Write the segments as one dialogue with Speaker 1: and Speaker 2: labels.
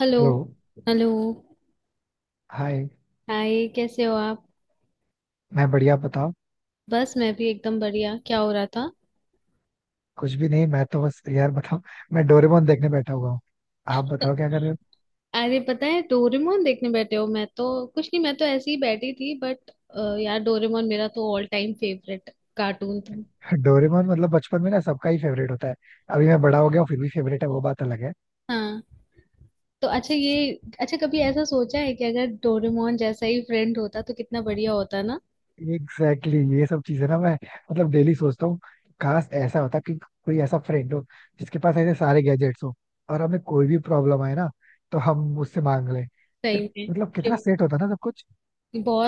Speaker 1: Hello.
Speaker 2: Hello.
Speaker 1: Hello.
Speaker 2: Hi.
Speaker 1: Hi, कैसे हो आप?
Speaker 2: मैं बढ़िया, बताओ.
Speaker 1: बस मैं भी एकदम बढ़िया। क्या हो रहा था?
Speaker 2: कुछ भी नहीं, मैं तो बस यार बताओ. मैं डोरेमोन देखने बैठा हुआ हूँ. आप बताओ क्या कर रहे हो.
Speaker 1: अरे पता है, डोरेमोन देखने बैठे हो। मैं तो कुछ नहीं, मैं तो ऐसे ही बैठी थी, बट यार डोरेमोन मेरा तो ऑल टाइम फेवरेट कार्टून था।
Speaker 2: डोरेमोन मतलब बचपन में ना सबका ही फेवरेट होता है. अभी मैं बड़ा हो गया हूँ फिर भी फेवरेट है, वो बात अलग है.
Speaker 1: हाँ। तो अच्छा, कभी ऐसा सोचा है कि अगर डोरेमोन जैसा ही फ्रेंड होता तो कितना बढ़िया होता ना।
Speaker 2: एग्जैक्टली exactly, ये सब चीजें ना मैं मतलब डेली सोचता हूँ. काश ऐसा होता कि कोई ऐसा फ्रेंड हो जिसके पास ऐसे सारे गैजेट्स हो, और हमें कोई भी प्रॉब्लम आए ना तो हम उससे मांग लें. फिर
Speaker 1: सही में।
Speaker 2: मतलब
Speaker 1: कि
Speaker 2: कितना सेट होता ना सब कुछ.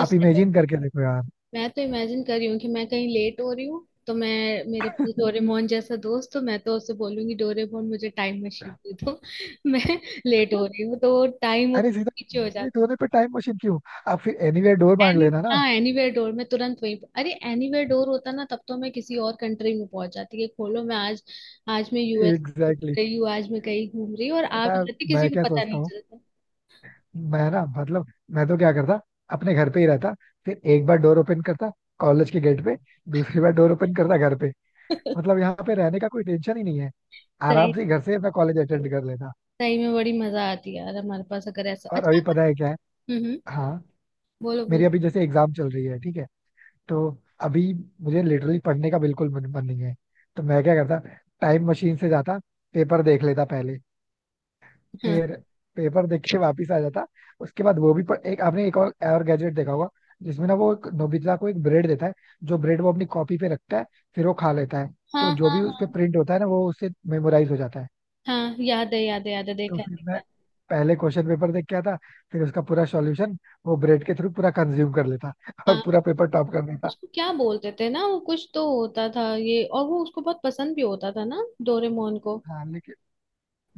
Speaker 2: आप इमेजिन करके देखो यार.
Speaker 1: मैं तो इमेजिन कर रही हूँ कि मैं कहीं लेट हो रही हूँ तो मैं मेरे पास डोरेमोन जैसा दोस्त तो मैं तो उससे बोलूंगी, डोरेमोन मुझे टाइम मशीन दे दो। मैं लेट हो रही हूँ तो वो टाइम वो
Speaker 2: अरे सीधा,
Speaker 1: पीछे हो
Speaker 2: लेट
Speaker 1: जाता।
Speaker 2: होने पे टाइम मशीन क्यों? आप फिर एनीवेयर डोर
Speaker 1: है
Speaker 2: मांग
Speaker 1: एनी
Speaker 2: लेना ना.
Speaker 1: हाँ, एनीवेयर डोर में तुरंत अरे एनीवेयर डोर होता ना तब तो मैं किसी और कंट्री में पहुंच जाती कि खोलो, मैं आज आज मैं यूएस घूम
Speaker 2: एग्जैक्टली exactly.
Speaker 1: रही हूँ, आज मैं कहीं घूम रही हूँ और आप
Speaker 2: पता है
Speaker 1: जाती किसी
Speaker 2: मैं
Speaker 1: को
Speaker 2: क्या
Speaker 1: पता
Speaker 2: सोचता
Speaker 1: नहीं
Speaker 2: हूँ.
Speaker 1: चलता।
Speaker 2: मैं ना मतलब मैं तो क्या करता, अपने घर पे ही रहता. फिर एक बार डोर ओपन करता कॉलेज के गेट पे, दूसरी बार डोर ओपन करता घर पे. मतलब यहाँ पे रहने का कोई टेंशन ही नहीं है. आराम
Speaker 1: सही
Speaker 2: से घर से अपना कॉलेज अटेंड कर लेता.
Speaker 1: सही में बड़ी मजा आती है यार हमारे पास अगर ऐसा
Speaker 2: और अभी पता है क्या है.
Speaker 1: हम्म,
Speaker 2: हाँ,
Speaker 1: बोलो बोलो।
Speaker 2: मेरी अभी जैसे एग्जाम चल रही है, ठीक है. तो अभी मुझे लिटरली पढ़ने का बिल्कुल मन मन नहीं है. तो मैं क्या करता, टाइम मशीन से जाता, पेपर देख लेता पहले.
Speaker 1: हाँ।
Speaker 2: फिर पेपर देख के वापिस आ जाता. उसके बाद वो भी पढ़, एक आपने एक और गैजेट देखा होगा जिसमें ना वो एक नोबिता को एक ब्रेड देता है. जो ब्रेड वो अपनी कॉपी पे रखता है, फिर वो खा लेता है.
Speaker 1: हाँ
Speaker 2: तो जो भी उस
Speaker 1: हाँ।
Speaker 2: पे प्रिंट होता है ना, वो उससे मेमोराइज हो जाता है.
Speaker 1: हाँ याद है, याद है, याद है,
Speaker 2: तो
Speaker 1: देखा है,
Speaker 2: फिर
Speaker 1: देखा
Speaker 2: मैं
Speaker 1: है।
Speaker 2: पहले क्वेश्चन पेपर देख के आता, फिर उसका पूरा सॉल्यूशन वो ब्रेड के थ्रू पूरा कंज्यूम कर लेता और
Speaker 1: हाँ।
Speaker 2: पूरा पेपर टॉप कर देता.
Speaker 1: उसको क्या बोलते थे ना? वो कुछ तो होता था ये, और वो उसको बहुत पसंद भी होता था ना, डोरेमोन को।
Speaker 2: हाँ लेकिन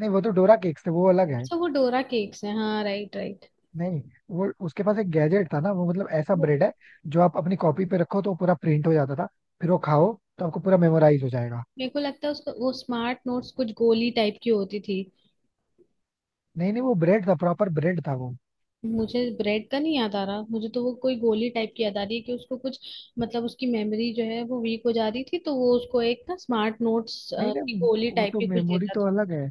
Speaker 2: नहीं, वो तो डोरा केक्स थे, वो अलग है.
Speaker 1: अच्छा, वो डोरा केक्स है, हाँ, राइट राइट।
Speaker 2: नहीं, वो उसके पास एक गैजेट था ना, वो मतलब ऐसा
Speaker 1: वो
Speaker 2: ब्रेड है जो आप अपनी कॉपी पे रखो तो पूरा प्रिंट हो जाता था. फिर वो खाओ तो आपको पूरा मेमोराइज हो जाएगा.
Speaker 1: मेरे को लगता है उसका वो स्मार्ट नोट्स, कुछ गोली टाइप की होती थी।
Speaker 2: नहीं नहीं, वो ब्रेड था, प्रॉपर ब्रेड था वो.
Speaker 1: मुझे ब्रेड का नहीं याद आ रहा, मुझे तो वो कोई गोली टाइप की याद आ रही है कि उसको कुछ, मतलब उसकी मेमोरी जो है वो वीक हो जा रही थी, तो वो उसको एक ना स्मार्ट नोट्स
Speaker 2: नहीं
Speaker 1: की
Speaker 2: नहीं,
Speaker 1: गोली
Speaker 2: वो
Speaker 1: टाइप
Speaker 2: तो
Speaker 1: की कुछ
Speaker 2: मेमोरी
Speaker 1: देता
Speaker 2: तो
Speaker 1: था।
Speaker 2: अलग है.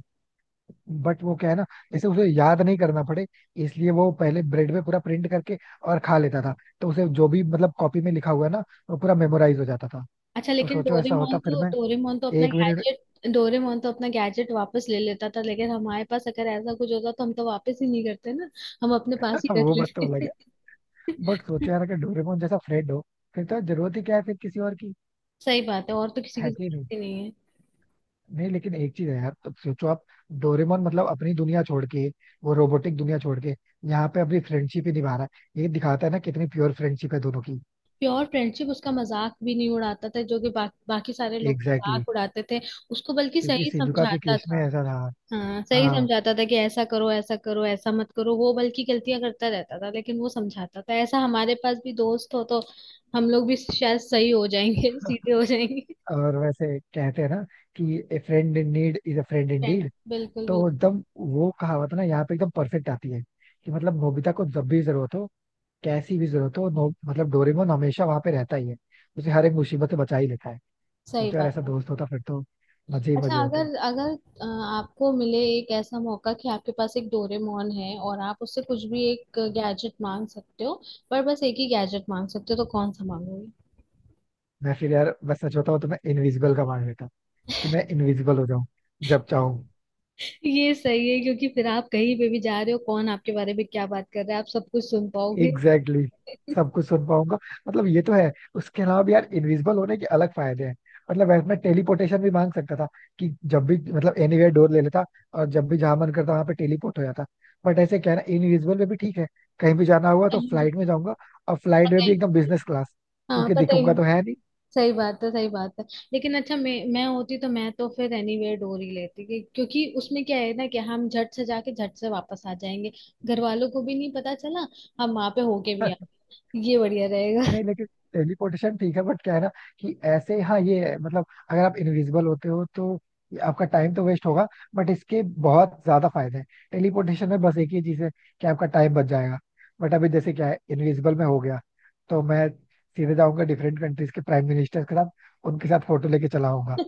Speaker 2: बट वो क्या है ना, जैसे उसे याद नहीं करना पड़े इसलिए वो पहले ब्रेड पे पूरा प्रिंट करके और खा लेता था. तो उसे जो भी मतलब कॉपी में लिखा हुआ है ना, वो पूरा मेमोराइज हो जाता था.
Speaker 1: अच्छा,
Speaker 2: तो
Speaker 1: लेकिन
Speaker 2: सोचो ऐसा होता फिर मैं, एक मिनट.
Speaker 1: डोरेमोन तो अपना गैजेट वापस ले लेता था, लेकिन हमारे पास अगर ऐसा कुछ होता तो हम तो वापस ही नहीं करते ना। हम अपने पास ही रख
Speaker 2: वो बात तो अलग
Speaker 1: लेते।
Speaker 2: है. बट सोचो यार अगर डोरेमोन जैसा फ्रेंड हो, फिर तो जरूरत ही क्या है फिर किसी और की.
Speaker 1: सही बात है, और तो किसी की
Speaker 2: है कि नहीं?
Speaker 1: जरूरत ही नहीं है।
Speaker 2: नहीं, लेकिन एक चीज है यार, अब सोचो आप. डोरेमोन मतलब अपनी दुनिया छोड़ के, वो रोबोटिक दुनिया छोड़ के यहाँ पे अपनी फ्रेंडशिप ही निभा रहा है. ये दिखाता है ना कितनी प्योर फ्रेंडशिप है दोनों की.
Speaker 1: प्योर फ्रेंडशिप, उसका मजाक भी नहीं उड़ाता था, जो कि बाकी सारे लोग
Speaker 2: एग्जैक्टली exactly.
Speaker 1: मजाक उड़ाते थे। उसको बल्कि
Speaker 2: क्योंकि
Speaker 1: सही
Speaker 2: सिजुका के
Speaker 1: समझाता
Speaker 2: केस में
Speaker 1: था।
Speaker 2: ऐसा था.
Speaker 1: हाँ, सही
Speaker 2: हाँ,
Speaker 1: समझाता था कि ऐसा करो, ऐसा करो, ऐसा मत करो। वो बल्कि गलतियां करता रहता था, लेकिन वो समझाता था। ऐसा हमारे पास भी दोस्त हो तो हम लोग भी शायद सही हो जाएंगे। सीधे हो जाएंगे।
Speaker 2: और वैसे कहते हैं ना कि a friend in need is a friend in
Speaker 1: friend,
Speaker 2: deed.
Speaker 1: बिल्कुल बिल्कुल।
Speaker 2: तो एकदम वो कहावत ना यहाँ पे एकदम परफेक्ट आती है कि मतलब नोबिता को जब भी जरूरत हो, कैसी भी जरूरत हो नो, मतलब डोरेमोन हमेशा वहां पे रहता ही है. उसे हर एक मुसीबत से बचा ही लेता है.
Speaker 1: सही
Speaker 2: कुछ यार
Speaker 1: बात
Speaker 2: ऐसा
Speaker 1: है।
Speaker 2: दोस्त होता फिर तो मजे ही
Speaker 1: अच्छा
Speaker 2: मजे होते.
Speaker 1: अगर अगर आपको मिले एक ऐसा मौका कि आपके पास एक डोरेमोन है और आप उससे कुछ भी एक गैजेट मांग सकते हो, पर बस एक ही गैजेट मांग सकते हो, तो कौन सा मांगोगे?
Speaker 2: मैं फिर यार, मैं सच बताऊं तो मैं इनविजिबल का मान लेता, कि मैं इनविजिबल हो जाऊं जब चाहूं.
Speaker 1: ये सही है, क्योंकि फिर आप कहीं पे भी जा रहे हो, कौन आपके बारे में क्या बात कर रहा है आप सब कुछ सुन पाओगे।
Speaker 2: Exactly exactly. सब कुछ सुन पाऊंगा. मतलब ये तो है. उसके अलावा भी यार इनविजिबल होने के अलग फायदे हैं. मतलब ऐसे मैं टेलीपोर्टेशन भी मांग सकता था कि जब भी मतलब एनीवेयर डोर ले लेता और जब भी जहां मन करता वहां पे टेलीपोर्ट हो जाता. बट ऐसे क्या है ना, इनविजिबल में भी ठीक है. कहीं भी जाना हुआ तो
Speaker 1: कहीं भी
Speaker 2: फ्लाइट में जाऊंगा और फ्लाइट
Speaker 1: पता
Speaker 2: में
Speaker 1: ही
Speaker 2: भी एकदम
Speaker 1: नहीं
Speaker 2: बिजनेस क्लास,
Speaker 1: चलता। हाँ,
Speaker 2: क्योंकि
Speaker 1: पता ही
Speaker 2: दिखूंगा
Speaker 1: नहीं।
Speaker 2: तो है नहीं.
Speaker 1: सही बात है, सही बात है। लेकिन अच्छा, मैं होती तो मैं तो फिर एनीवेयर डोर ही लेती क्योंकि उसमें क्या है ना कि हम झट से जाके झट से वापस आ जाएंगे, घर वालों को भी नहीं पता चला, हम वहां पे होके भी आ। ये बढ़िया रहेगा।
Speaker 2: नहीं लेकिन टेलीपोर्टेशन ठीक है, बट क्या है ना कि ऐसे. हाँ ये है, मतलब अगर आप इनविजिबल होते हो तो ये आपका टाइम तो वेस्ट होगा, बट इसके बहुत ज्यादा फायदे हैं. टेलीपोर्टेशन में बस एक ही चीज है कि आपका टाइम बच जाएगा. बट अभी जैसे क्या है, इनविजिबल में हो गया तो मैं सीधे जाऊंगा डिफरेंट कंट्रीज के प्राइम मिनिस्टर के साथ, उनके साथ फोटो लेके चला आऊंगा.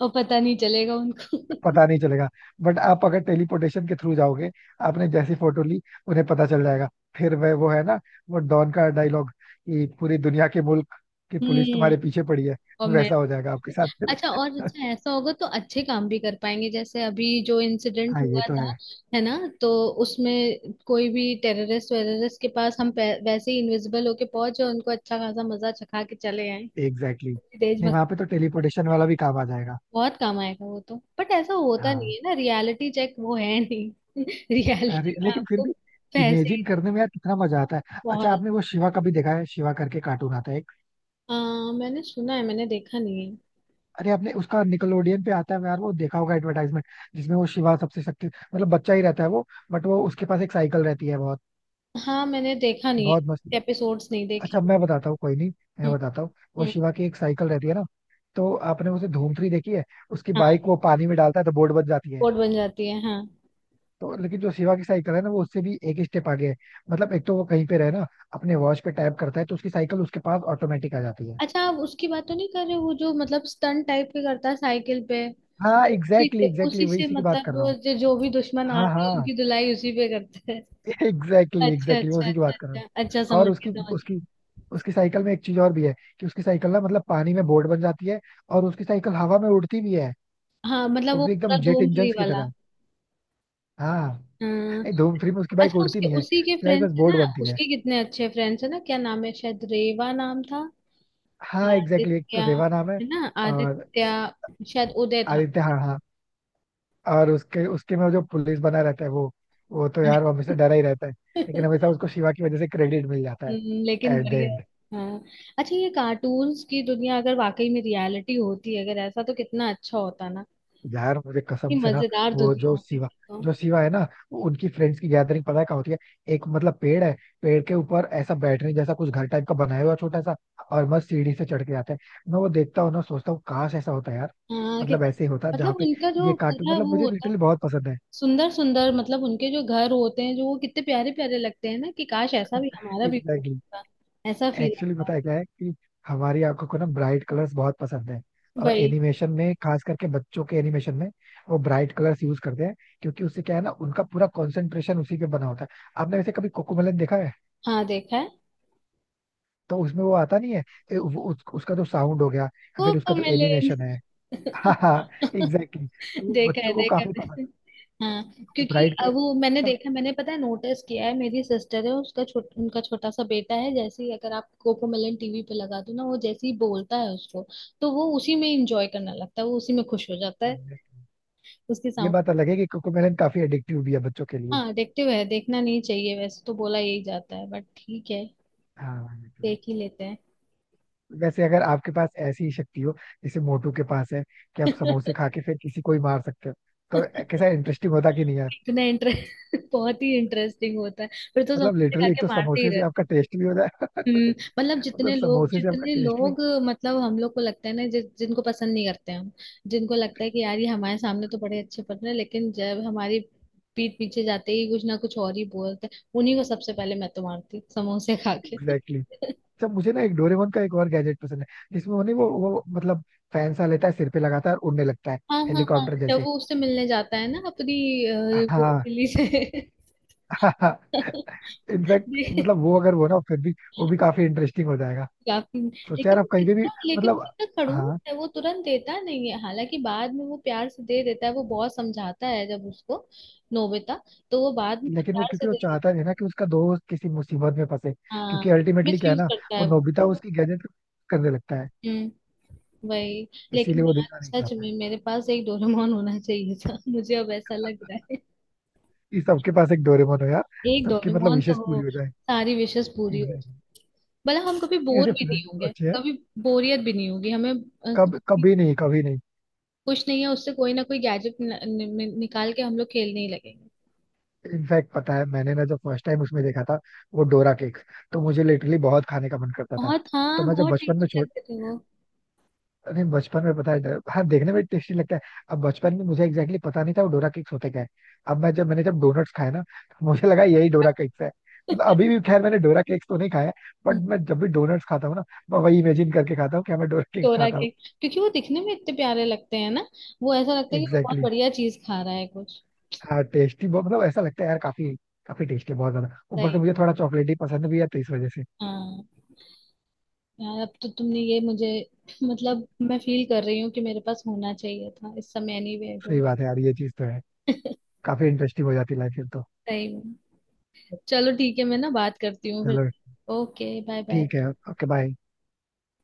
Speaker 1: और पता नहीं चलेगा उनको।
Speaker 2: पता नहीं चलेगा. बट आप अगर टेलीपोर्टेशन के थ्रू जाओगे, आपने जैसी फोटो ली उन्हें पता चल जाएगा. फिर वह वो है ना, वो डॉन का डायलॉग कि पूरी दुनिया के मुल्क की पुलिस
Speaker 1: हम्म।
Speaker 2: तुम्हारे पीछे पड़ी है.
Speaker 1: और मैं,
Speaker 2: वैसा हो जाएगा आपके साथ फिर.
Speaker 1: अच्छा ऐसा होगा तो अच्छे काम भी कर पाएंगे, जैसे अभी जो इंसिडेंट
Speaker 2: हाँ ये
Speaker 1: हुआ
Speaker 2: तो
Speaker 1: था।
Speaker 2: है.
Speaker 1: है ना? तो उसमें कोई भी टेररिस्ट वेररिस्ट के पास वैसे ही इनविजिबल होके पहुंचे और उनको अच्छा खासा मजा चखा के चले आए।
Speaker 2: Exactly exactly. नहीं
Speaker 1: देशभक्त।
Speaker 2: वहां पे तो टेलीपोर्टेशन वाला भी काम आ जाएगा.
Speaker 1: बहुत काम आएगा वो तो, बट ऐसा होता नहीं
Speaker 2: हाँ.
Speaker 1: है ना, रियलिटी चेक, वो है नहीं। रियलिटी
Speaker 2: अरे
Speaker 1: में
Speaker 2: लेकिन फिर
Speaker 1: आपको
Speaker 2: भी
Speaker 1: पैसे ही
Speaker 2: इमेजिन
Speaker 1: दे-
Speaker 2: करने में यार कितना मजा आता है. अच्छा
Speaker 1: बहुत।
Speaker 2: आपने वो शिवा का भी देखा है? शिवा करके कार्टून आता है.
Speaker 1: आ, मैंने सुना है, मैंने देखा नहीं है।
Speaker 2: अरे आपने उसका निकलोडियन पे आता है यार, वो देखा होगा एडवर्टाइजमेंट, जिसमें वो शिवा सबसे शक्ति मतलब बच्चा ही रहता है वो. बट वो उसके पास एक साइकिल रहती है, बहुत
Speaker 1: हाँ मैंने देखा नहीं
Speaker 2: बहुत मस्त.
Speaker 1: है, एपिसोड्स नहीं देखे।
Speaker 2: अच्छा मैं बताता हूँ, कोई नहीं, मैं
Speaker 1: हम्म।
Speaker 2: बताता हूँ. वो
Speaker 1: हम्म।
Speaker 2: शिवा की एक साइकिल रहती है ना. तो आपने उसे धूम थ्री देखी है. उसकी बाइक
Speaker 1: हाँ।
Speaker 2: वो पानी में डालता है तो बोर्ड बच जाती है.
Speaker 1: कोट बन जाती है, हाँ।
Speaker 2: तो लेकिन जो शिवा की साइकिल है ना, वो उससे भी एक स्टेप आगे है. मतलब एक तो वो कहीं पे रहे ना, अपने वॉच पे टैप करता है तो उसकी साइकिल उसके पास ऑटोमेटिक आ जाती है.
Speaker 1: अच्छा, आप उसकी बात तो नहीं कर रहे हो, वो जो मतलब स्टंट टाइप के करता है साइकिल पे?
Speaker 2: हाँ
Speaker 1: और उसी
Speaker 2: एग्जैक्टली
Speaker 1: से
Speaker 2: एग्जैक्टली,
Speaker 1: उसी
Speaker 2: वही
Speaker 1: से
Speaker 2: उसी की बात कर
Speaker 1: मतलब
Speaker 2: रहा
Speaker 1: वो
Speaker 2: हूँ.
Speaker 1: जो भी दुश्मन
Speaker 2: हाँ
Speaker 1: आते हैं
Speaker 2: हाँ,
Speaker 1: उनकी धुलाई उसी पे करते हैं।
Speaker 2: एग्जैक्टली
Speaker 1: अच्छा
Speaker 2: एग्जैक्टली
Speaker 1: अच्छा
Speaker 2: उसी की
Speaker 1: अच्छा
Speaker 2: बात कर रहा हूँ.
Speaker 1: अच्छा अच्छा,
Speaker 2: और
Speaker 1: समझ
Speaker 2: उसकी
Speaker 1: गए, समझ गए।
Speaker 2: उसकी उसकी साइकिल में एक चीज और भी है कि उसकी साइकिल ना मतलब पानी में बोट बन जाती है, और उसकी साइकिल हवा में उड़ती भी है,
Speaker 1: हाँ, मतलब
Speaker 2: वो
Speaker 1: वो
Speaker 2: भी
Speaker 1: पूरा
Speaker 2: एकदम जेट
Speaker 1: धूम
Speaker 2: इंजन
Speaker 1: थ्री
Speaker 2: की
Speaker 1: वाला।
Speaker 2: तरह. हाँ.
Speaker 1: हाँ।
Speaker 2: नहीं, धूम थ्री में उसकी बाइक
Speaker 1: अच्छा
Speaker 2: उड़ती
Speaker 1: उसके
Speaker 2: नहीं है,
Speaker 1: उसी के
Speaker 2: उसकी बाइक बस
Speaker 1: फ्रेंड्स है
Speaker 2: बोट
Speaker 1: ना,
Speaker 2: बनती है.
Speaker 1: उसके कितने अच्छे फ्रेंड्स है ना। क्या नाम है? शायद रेवा नाम था।
Speaker 2: हाँ एग्जैक्टली, एक
Speaker 1: आदित्य
Speaker 2: तो रेवा नाम है.
Speaker 1: है ना,
Speaker 2: और
Speaker 1: आदित्य। शायद उदय था।
Speaker 2: आदित्य, हाँ हाँ. और उसके उसके में जो पुलिस बना रहता है वो तो यार वो हमेशा डरा ही रहता है. लेकिन हमेशा उसको शिवा की वजह से क्रेडिट मिल जाता है,
Speaker 1: लेकिन
Speaker 2: एट द
Speaker 1: बढ़िया।
Speaker 2: एंड.
Speaker 1: हाँ। अच्छा, ये कार्टून्स की दुनिया अगर वाकई में रियलिटी होती, अगर ऐसा, तो कितना अच्छा होता ना।
Speaker 2: यार मुझे
Speaker 1: कितनी
Speaker 2: कसम से ना,
Speaker 1: मजेदार
Speaker 2: वो
Speaker 1: दुनिया
Speaker 2: जो
Speaker 1: होती
Speaker 2: शिवा,
Speaker 1: फिर तो।
Speaker 2: जो शिवा है ना, वो उनकी फ्रेंड्स की गैदरिंग पता है कहाँ होती है? एक मतलब पेड़ है. पेड़ के ऊपर ऐसा बैठने जैसा कुछ घर टाइप का बनाया हुआ है छोटा सा, और मस्त सीढ़ी से चढ़ के जाते हैं. मैं वो देखता हूँ ना, सोचता हूँ काश ऐसा होता यार.
Speaker 1: हाँ
Speaker 2: मतलब
Speaker 1: कितना,
Speaker 2: ऐसे ही होता
Speaker 1: मतलब
Speaker 2: जहाँ पे.
Speaker 1: उनका जो
Speaker 2: ये कार्टून
Speaker 1: पूरा
Speaker 2: मतलब
Speaker 1: वो
Speaker 2: मुझे
Speaker 1: होता,
Speaker 2: लिटरली बहुत पसंद है.
Speaker 1: सुंदर सुंदर, मतलब उनके जो घर होते हैं जो, वो कितने प्यारे प्यारे लगते हैं ना कि काश ऐसा भी हमारा भी घर
Speaker 2: एग्जैक्टली.
Speaker 1: होता। ऐसा फील
Speaker 2: एक्चुअली
Speaker 1: आता
Speaker 2: पता है क्या है कि हमारी आंखों को ना ब्राइट कलर्स बहुत पसंद है.
Speaker 1: है
Speaker 2: और
Speaker 1: भाई।
Speaker 2: एनिमेशन में, खास करके बच्चों के एनिमेशन में, वो ब्राइट कलर्स यूज करते हैं, क्योंकि उससे क्या है ना उनका पूरा कंसंट्रेशन उसी पे बना होता है. आपने वैसे कभी कोकोमेलन देखा है?
Speaker 1: हाँ देखा है।
Speaker 2: तो उसमें वो आता नहीं है, ए, वो, उस, उसका जो साउंड हो गया या फिर
Speaker 1: वो
Speaker 2: उसका जो
Speaker 1: मिले।
Speaker 2: एनिमेशन है. हाँ हाँ एग्जैक्टली, तो वो
Speaker 1: देखा है,
Speaker 2: बच्चों को
Speaker 1: देखा
Speaker 2: काफी पसंद
Speaker 1: है। हाँ।
Speaker 2: है,
Speaker 1: क्योंकि
Speaker 2: ब्राइट कलर
Speaker 1: अब
Speaker 2: की
Speaker 1: वो मैंने
Speaker 2: वजह से ना.
Speaker 1: देखा, मैंने पता है नोटिस किया है, मेरी सिस्टर है उसका छोट उनका छोटा सा बेटा है, जैसे ही अगर आप कोकोमेलन टीवी पे लगा दो ना, वो जैसे ही बोलता है उसको, तो वो उसी में इंजॉय करने लगता है, वो उसी में खुश हो जाता है।
Speaker 2: एग्जैक्टली.
Speaker 1: उसके
Speaker 2: ये
Speaker 1: साउंड।
Speaker 2: बात अलग है कि कोकोमेलन काफी एडिक्टिव भी है बच्चों के लिए.
Speaker 1: हाँ एडिक्टिव है, देखना नहीं चाहिए वैसे तो बोला यही जाता है, बट ठीक है,
Speaker 2: हाँ
Speaker 1: देख
Speaker 2: exactly.
Speaker 1: ही लेते हैं।
Speaker 2: वैसे अगर आपके पास ऐसी ही शक्ति हो जैसे मोटू के पास है कि आप समोसे खा के फिर किसी को ही मार सकते हो, तो कैसा इंटरेस्टिंग होता कि नहीं यार?
Speaker 1: इतना इंटरेस्ट बहुत ही इंटरेस्टिंग होता है, फिर तो
Speaker 2: मतलब
Speaker 1: समोसे खा
Speaker 2: लिटरली एक
Speaker 1: के
Speaker 2: तो
Speaker 1: मारते ही
Speaker 2: समोसे से
Speaker 1: रहते
Speaker 2: आपका
Speaker 1: हैं।
Speaker 2: टेस्ट भी हो जाएगा.
Speaker 1: हम्म, मतलब
Speaker 2: मतलब
Speaker 1: जितने लोग
Speaker 2: समोसे से आपका
Speaker 1: जितने
Speaker 2: टेस्ट भी.
Speaker 1: लोग, मतलब हम लोग को लगता है ना जिनको पसंद नहीं करते हम, जिनको लगता है कि यार ये हमारे सामने तो बड़े अच्छे पढ़ रहे हैं लेकिन जब हमारी पीठ पीछे जाते ही कुछ ना कुछ और ही बोलते हैं, उन्हीं को सबसे पहले मैं तो मारती समोसे खा के।
Speaker 2: Exactly exactly. अच्छा मुझे ना एक डोरेमोन का एक और गैजेट पसंद है, जिसमें उन्हें वो मतलब फैन सा लेता है, सिर पे लगाता है और उड़ने लगता है,
Speaker 1: हाँ हाँ हाँ,
Speaker 2: हेलीकॉप्टर
Speaker 1: जब
Speaker 2: जैसे.
Speaker 1: वो उससे मिलने जाता है ना अपनी वो
Speaker 2: हाँ.
Speaker 1: बिल्ली से।
Speaker 2: हाँ इनफैक्ट मतलब वो अगर वो ना, फिर भी वो भी काफी इंटरेस्टिंग हो जाएगा.
Speaker 1: या फिर,
Speaker 2: सोचा
Speaker 1: लेकिन
Speaker 2: यार आप कहीं पे भी.
Speaker 1: वो
Speaker 2: मतलब
Speaker 1: कितना खड़ूस
Speaker 2: हाँ.
Speaker 1: है, वो तुरंत देता नहीं है, हालांकि बाद में वो प्यार से दे देता है, वो बहुत समझाता है जब उसको, नोबिता, तो वो बाद में
Speaker 2: लेकिन वो
Speaker 1: प्यार से
Speaker 2: क्योंकि वो
Speaker 1: दे देता
Speaker 2: चाहता नहीं ना कि उसका दोस्त किसी मुसीबत में फंसे,
Speaker 1: है।
Speaker 2: क्योंकि
Speaker 1: हाँ,
Speaker 2: अल्टीमेटली
Speaker 1: मिस
Speaker 2: क्या है
Speaker 1: यूज
Speaker 2: ना
Speaker 1: करता
Speaker 2: वो
Speaker 1: है वो।
Speaker 2: नोबिता उसकी गैजेट करने लगता है.
Speaker 1: हम्म। वही।
Speaker 2: इसीलिए
Speaker 1: लेकिन
Speaker 2: वो
Speaker 1: यार
Speaker 2: देना नहीं
Speaker 1: सच
Speaker 2: चाहता है
Speaker 1: में मेरे पास एक डोरेमोन होना चाहिए था। मुझे अब ऐसा लग रहा है
Speaker 2: कि सबके पास एक डोरेमोन हो यार,
Speaker 1: एक
Speaker 2: सबकी मतलब
Speaker 1: डोरेमोन तो
Speaker 2: विशेष
Speaker 1: हो,
Speaker 2: पूरी हो जाए.
Speaker 1: सारी विशेष पूरी हो,
Speaker 2: एग्जैक्टली.
Speaker 1: मतलब हम कभी बोर
Speaker 2: ऐसे
Speaker 1: भी नहीं
Speaker 2: फ्रेंड्स तो
Speaker 1: होंगे,
Speaker 2: अच्छे हैं.
Speaker 1: कभी बोरियत भी नहीं होगी हमें। अ,
Speaker 2: कब, कभी नहीं, कभी नहीं.
Speaker 1: कुछ नहीं है, उससे कोई ना कोई गैजेट नि, नि, निकाल के हम लोग खेलने ही लगेंगे।
Speaker 2: इनफैक्ट पता है मैंने ना जब फर्स्ट टाइम उसमें देखा था वो डोरा केक, तो मुझे लिटरली बहुत खाने का मन करता था.
Speaker 1: बहुत,
Speaker 2: तो
Speaker 1: हाँ
Speaker 2: मैं जब
Speaker 1: बहुत
Speaker 2: बचपन में
Speaker 1: टेस्टी
Speaker 2: छोटा,
Speaker 1: लगते थे वो।
Speaker 2: अरे बचपन में पता है डर- हाँ, देखने में टेस्टी लगता है. अब बचपन में मुझे एग्जैक्टली exactly पता नहीं था वो डोरा केक्स होते क्या है. अब मैं जब मैंने जब डोनट्स खाए ना, तो मुझे लगा यही डोरा केक्स है. मतलब अभी भी खैर मैंने डोरा केक्स तो नहीं खाया, बट मैं जब भी डोनट्स खाता हूँ ना, मैं वही इमेजिन करके खाता हूँ कि मैं डोरा केक्स
Speaker 1: चोरा
Speaker 2: खाता
Speaker 1: के,
Speaker 2: हूँ.
Speaker 1: क्योंकि वो दिखने में इतने प्यारे लगते हैं ना, वो ऐसा लगता है कि वो बहुत
Speaker 2: एग्जैक्टली exactly.
Speaker 1: बढ़िया चीज खा रहा है कुछ।
Speaker 2: हाँ टेस्टी बहुत, मतलब ऐसा लगता है यार, काफी काफी टेस्टी बहुत ज्यादा. ऊपर से
Speaker 1: सही।
Speaker 2: मुझे थोड़ा चॉकलेट ही पसंद भी है, तो इस वजह से.
Speaker 1: हाँ। यार अब तो तुमने ये मुझे, मतलब मैं फील कर रही हूँ कि मेरे पास होना चाहिए था इस समय। एनी वे,
Speaker 2: सही बात है यार, ये चीज तो है. काफी इंटरेस्टिंग हो जाती है लाइफ फिर तो.
Speaker 1: सही में। चलो ठीक है, मैं ना बात करती हूँ फिर।
Speaker 2: चलो
Speaker 1: ओके, बाय बाय।
Speaker 2: ठीक है. Okay bye.